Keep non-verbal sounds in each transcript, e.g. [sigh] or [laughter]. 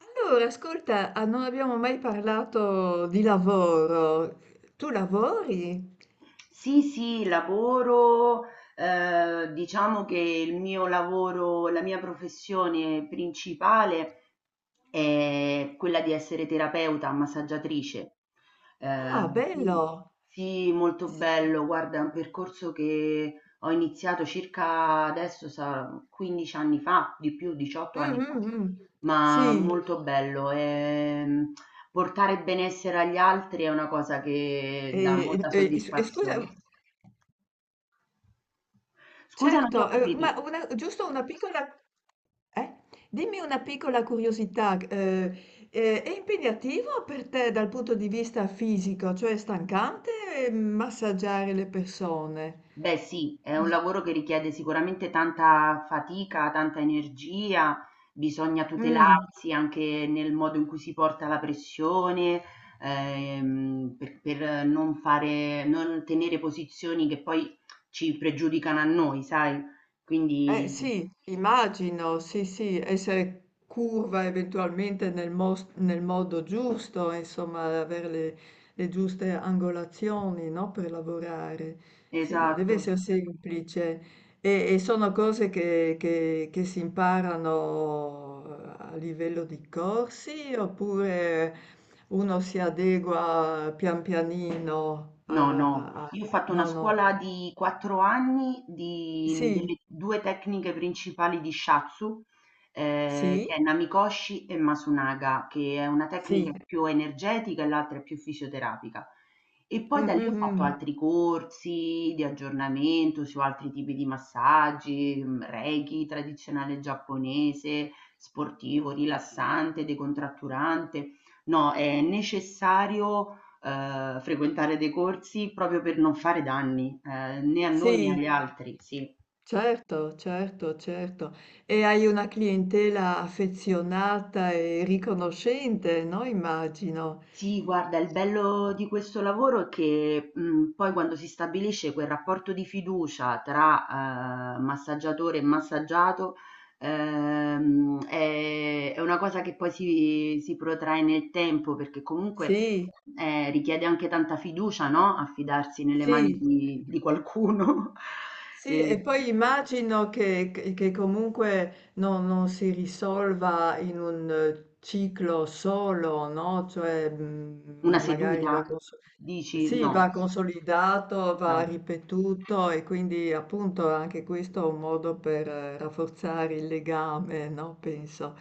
Allora, ascolta, non abbiamo mai parlato di lavoro. Tu lavori? Sì, sì, lavoro, diciamo che il mio lavoro, la mia professione principale è quella di essere terapeuta, massaggiatrice. Eh, Ah, quindi- bello! sì, molto Sì. bello, guarda, è un percorso che ho iniziato circa adesso, 15 anni fa, di più, 18 Mm, anni fa, mm, mm. ma Sì. molto bello. Portare benessere agli altri è una cosa che e, dà e- molta e s- e scusa, soddisfazione. Scusa, non ti ho certo, ma capito. Giusto una piccola, eh? Dimmi una piccola curiosità, è impegnativo per te dal punto di vista fisico, cioè è stancante massaggiare le persone? Beh, sì, è un lavoro che richiede sicuramente tanta fatica, tanta energia, bisogna Mm. tutelarsi anche nel modo in cui si porta la pressione, per non fare, non tenere posizioni che poi ci pregiudicano a noi, sai? Eh Quindi, sì, immagino, sì, sì, essere curva eventualmente nel modo giusto, insomma, avere le giuste angolazioni, no, per lavorare. Sì, non deve esatto. essere semplice. E sono cose che si imparano a livello di corsi oppure uno si adegua pian pianino No, a. a- no, a- io ho fatto una No, no, scuola di 4 anni di, sì, delle due tecniche principali di Shatsu, sì, che è Namikoshi e Masunaga, che è una tecnica sì. più energetica e l'altra è più fisioterapica. E poi da Mhm, lì ho fatto mhm. altri corsi di aggiornamento su altri tipi di massaggi, Reiki tradizionale giapponese, sportivo, rilassante, decontratturante. No, è necessario frequentare dei corsi proprio per non fare danni, né a noi né Sì, agli altri, sì. certo, certo, certo. E hai una clientela affezionata e riconoscente, no? Immagino. Sì, guarda, il bello di questo lavoro è che poi quando si stabilisce quel rapporto di fiducia tra massaggiatore e massaggiato, è una cosa che poi si protrae nel tempo, perché comunque Sì, richiede anche tanta fiducia, no? Affidarsi nelle mani sì, di qualcuno. [laughs] sì, E- e poi immagino che comunque non si risolva in un ciclo solo, no? Cioè, Una magari seduta? va con. Dici Sì, no. va consolidato, va Esatto. ripetuto e quindi appunto anche questo è un modo per rafforzare il legame, no? Penso.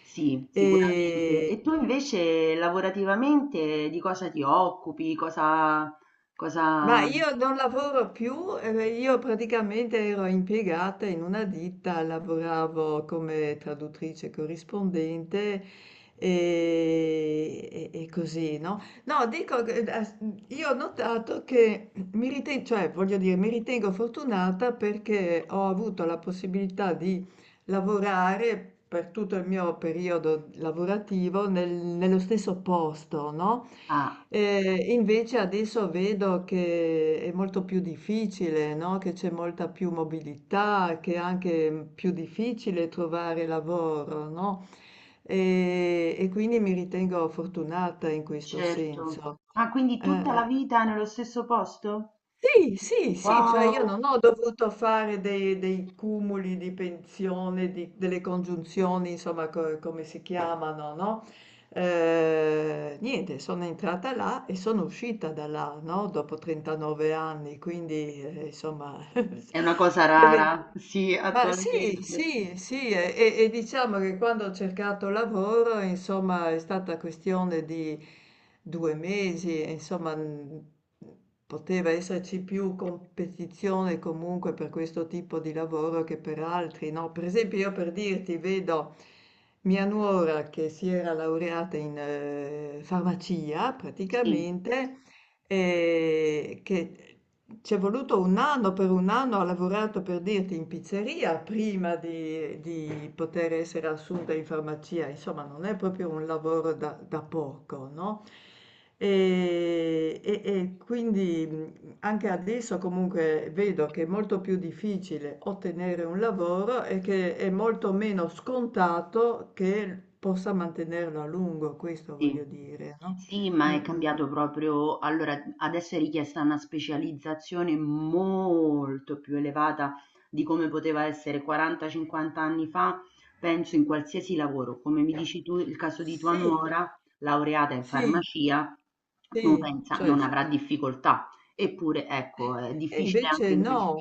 Sì, Sì. sicuramente. E, E tu invece lavorativamente di cosa ti occupi? Cosa, ma cosa... io non lavoro più, io praticamente ero impiegata in una ditta, lavoravo come traduttrice corrispondente e così, no? No, dico, che, io ho notato che mi ritengo, cioè voglio dire, mi ritengo fortunata perché ho avuto la possibilità di lavorare per tutto il mio periodo lavorativo nello stesso posto, no? Ah, Invece adesso vedo che è molto più difficile, no? Che c'è molta più mobilità, che è anche più difficile trovare lavoro, no? E quindi mi ritengo fortunata in questo certo. senso. Ah, quindi tutta la Eh. vita nello stesso posto? Sì, sì, sì, cioè Wow! io non ho dovuto fare dei cumuli di pensione, delle congiunzioni, insomma, come si chiamano, no? Niente, sono entrata là e sono uscita da là, no? Dopo 39 anni, quindi, insomma. [laughs] È una cosa Perché rara, sì, ma sì, attualmente. sì, sì, e diciamo che quando ho cercato lavoro, insomma, è stata questione di 2 mesi, e, insomma, poteva esserci più competizione comunque per questo tipo di lavoro che per altri, no? Per esempio, io per dirti, vedo mia nuora che si era laureata in farmacia Sì. praticamente, che ci è voluto 1 anno, per 1 anno ha lavorato per dirti in pizzeria prima di poter essere assunta in farmacia, insomma non è proprio un lavoro da poco, no, e quindi, anche adesso comunque vedo che è molto più difficile ottenere un lavoro e che è molto meno scontato che possa mantenerlo a lungo, questo Sì. voglio dire, no? Sì, ma è Mh-mh. cambiato proprio, allora adesso è richiesta una specializzazione molto più elevata di come poteva essere 40-50 anni fa, penso in qualsiasi lavoro. Come mi dici tu, il caso di tua Sì. nuora, laureata in Sì. farmacia, non Sì, pensa, cioè non s avrà difficoltà. Eppure, ecco, è e difficile invece anche... no.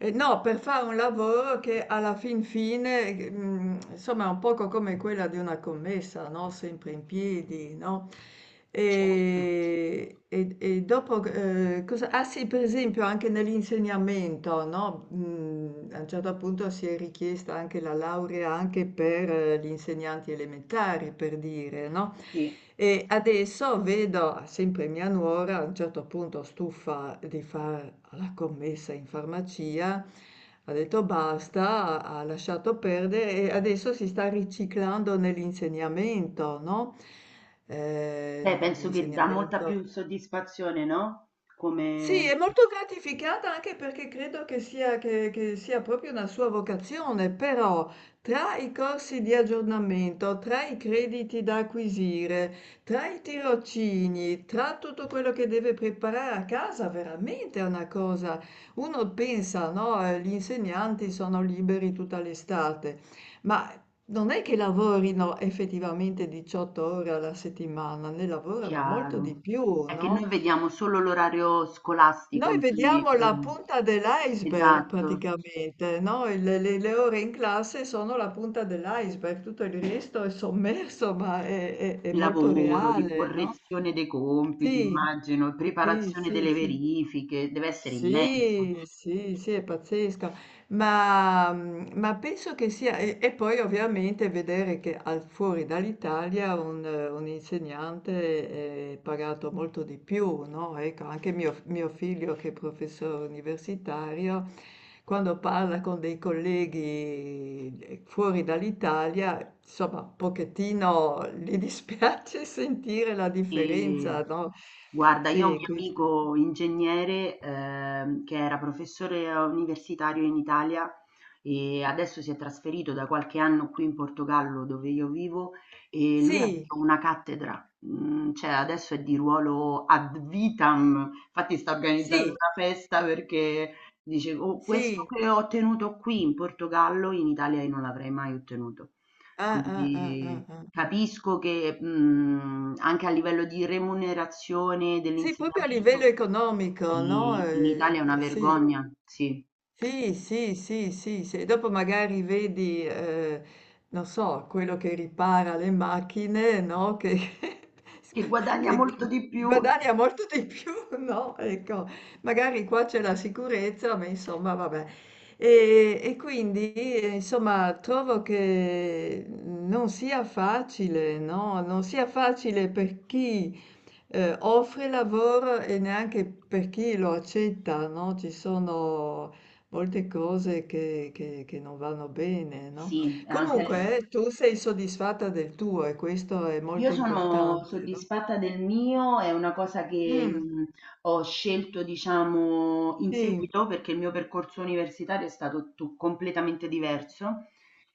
No, per fare un lavoro che alla fin fine, insomma, è un poco come quella di una commessa, no? Sempre in piedi, no? Certo, E dopo, ah sì, per esempio anche nell'insegnamento, no? A un certo punto si è richiesta anche la laurea anche per gli insegnanti elementari, per dire, no? sì. E adesso vedo sempre mia nuora, a un certo punto stufa di fare la commessa in farmacia, ha detto basta, ha lasciato perdere e adesso si sta riciclando nell'insegnamento, no? Sì. Beh, penso che dà molta Nell'insegnamento più soddisfazione, no? Come... sì, è molto gratificata anche perché credo che sia, che sia proprio una sua vocazione, però tra i corsi di aggiornamento, tra i crediti da acquisire, tra i tirocini, tra tutto quello che deve preparare a casa, veramente è una cosa. Uno pensa, no, gli insegnanti sono liberi tutta l'estate, ma non è che lavorino effettivamente 18 ore alla settimana, ne lavorano molto di Chiaro. più, È che noi no? vediamo solo l'orario scolastico, Noi in quindi vediamo la punta dell'iceberg esatto, praticamente, no? Le ore in classe sono la punta dell'iceberg, tutto il resto è sommerso, ma è il molto lavoro, di reale, no? correzione dei compiti, Sì, immagino, sì, preparazione sì, delle sì. verifiche, deve essere immenso. Sì, sì, sì, è pazzesco, ma, ma penso che sia, e poi ovviamente vedere che fuori dall'Italia un insegnante è pagato molto di più, no? Ecco, anche mio figlio che è professore universitario, quando parla con dei colleghi fuori dall'Italia, insomma, un pochettino gli dispiace [laughs] sentire la E differenza, no? guarda, io ho un Sì, mio questo. amico ingegnere che era professore universitario in Italia e adesso si è trasferito da qualche anno qui in Portogallo dove io vivo e lui ha Sì, avuto una cattedra, mm, cioè adesso è di ruolo ad vitam, infatti sta organizzando sì, una festa perché dice "Oh, questo sì, che ho ottenuto qui in Portogallo in Italia io non l'avrei mai ottenuto." ah, ah, ah, ah, Quindi ah, ah. capisco che, mhmm, anche a livello di remunerazione Sì, proprio a livello dell'insegnamento economico, no, sì, in Italia è una sì. vergogna, sì, Sì, sì, sì, sì, sì. Dopo magari vedi, non so, quello che ripara le macchine, no? Che, che [laughs] guadagna che molto di più guadagna molto di più, [laughs] no? Ecco, magari qua c'è la sicurezza, ma insomma, vabbè. E quindi, insomma, trovo che non sia facile, no? Non sia facile per chi offre lavoro e neanche per chi lo accetta, no? Ci sono molte cose che non vanno bene, no? sì, anche. Comunque, tu sei soddisfatta del tuo e questo è Io molto sono importante, no? soddisfatta del mio, è una cosa che Mm, ho scelto, diciamo, in sì, seguito perché il mio percorso universitario è stato completamente diverso,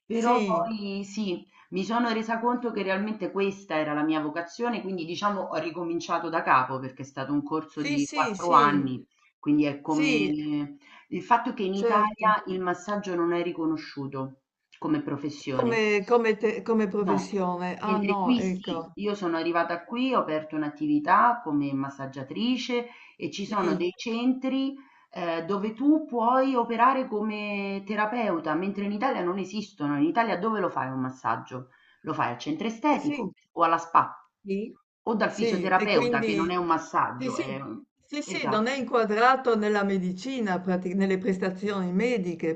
però sì. poi sì, mi sono resa conto che realmente questa era la mia vocazione, quindi diciamo ho ricominciato da capo perché è stato un corso Sì, di sì, quattro sì, anni, quindi è sì, come il fatto che in certo. Italia il massaggio non è riconosciuto come professione. Come, come No, professione. Ah mentre no, qui sì. ecco. Io sono arrivata qui, ho aperto un'attività come massaggiatrice e ci sono Sì, dei centri, dove tu puoi operare come terapeuta, mentre in Italia non esistono. In Italia dove lo fai un massaggio? Lo fai al centro sì, sì. estetico o alla spa Sì. o dal Sì. E fisioterapeuta che non è quindi un sì, massaggio, sì, è un sì, sì, non esatto. è inquadrato nella medicina, prati nelle prestazioni mediche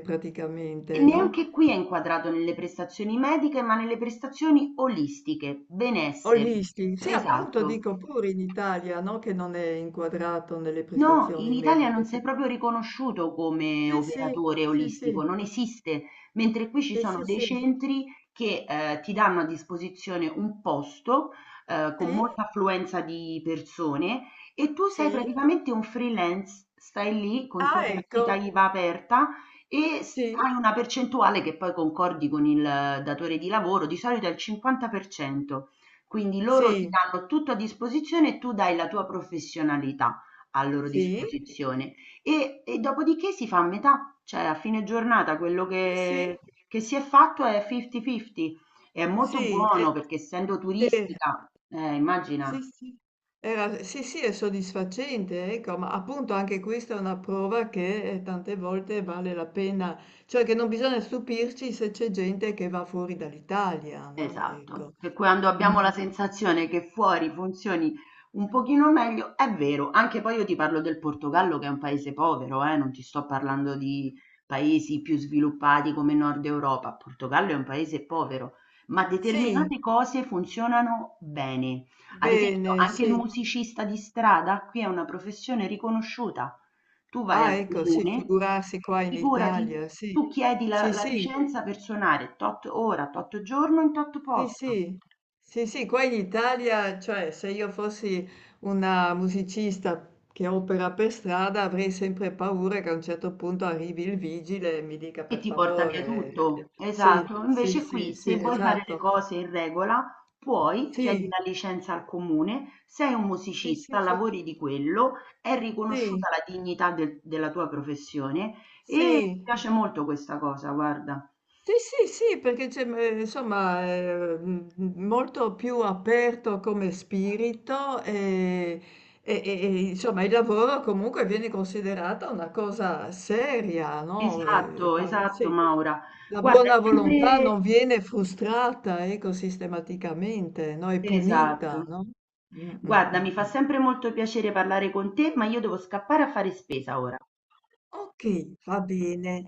E praticamente, no, neanche qui è inquadrato nelle prestazioni mediche ma nelle prestazioni olistiche, benessere. olisti sì, appunto Esatto. dico pure in Italia, no, che non è inquadrato nelle No, in prestazioni Italia non mediche, sì. sei proprio riconosciuto come Sì, sì, operatore sì, sì, olistico, non esiste, mentre qui ci sì, sono sì, dei sì. centri che ti danno a disposizione un posto con Sì, molta affluenza di persone e tu sei sì. praticamente un freelance, stai lì con tua Ah, partita ecco. IVA aperta e Sì, hai una percentuale che poi concordi con il datore di lavoro, di solito è il 50%, quindi loro ti sì, danno tutto a disposizione e tu dai la tua professionalità a loro sì, disposizione e dopodiché si fa a metà, cioè a fine giornata quello sì, sì. che si è fatto è fifty fifty. È molto Sì, e buono perché essendo sì. turistica immagina. Sì, sì. Era sì, sì, è soddisfacente, ecco, ma appunto anche questa è una prova che tante volte vale la pena, cioè che non bisogna stupirci se c'è gente che va fuori dall'Italia, no? Esatto, Ecco. che quando Mm, abbiamo mm. la sensazione che fuori funzioni un pochino meglio, è vero, anche poi io ti parlo del Portogallo che è un paese povero, non ti sto parlando di paesi più sviluppati come Nord Europa, il Portogallo è un paese povero, ma Sì, determinate cose funzionano bene. Ad esempio, bene, anche il sì. musicista di strada qui è una professione riconosciuta. Tu vai Ah, al ecco, sì, comune, figurarsi qua in Italia, figurati, sì. tu chiedi la, Sì, la sì, licenza per suonare tot ora, tot giorno in tot sì, posto sì, sì, sì, qua in Italia, cioè se io fossi una musicista che opera per strada avrei sempre paura che a un certo punto arrivi il vigile e mi dica e per ti porta via favore. tutto. Sì, Esatto. sì, Invece sì, qui, se sì, vuoi fare le esatto. cose in regola, puoi, chiedi Sì, la licenza al comune, sei un sì, sì, musicista, sì, lavori di quello, è sì, riconosciuta la dignità della tua professione e mi sì. piace molto questa cosa, guarda. Sì, sì, sì, perché c'è, insomma, molto più aperto come spirito, e insomma il lavoro comunque viene considerata una cosa seria, no, Esatto, qua esatto, sì, Maura. la Guarda, è buona volontà sempre... non viene frustrata, ecco, sistematicamente, no, è Esatto. punita, no? Mh, mh, Guarda, mi mh, fa mh. sempre molto piacere parlare con te, ma io devo scappare a fare spesa ora. Okay, va bene.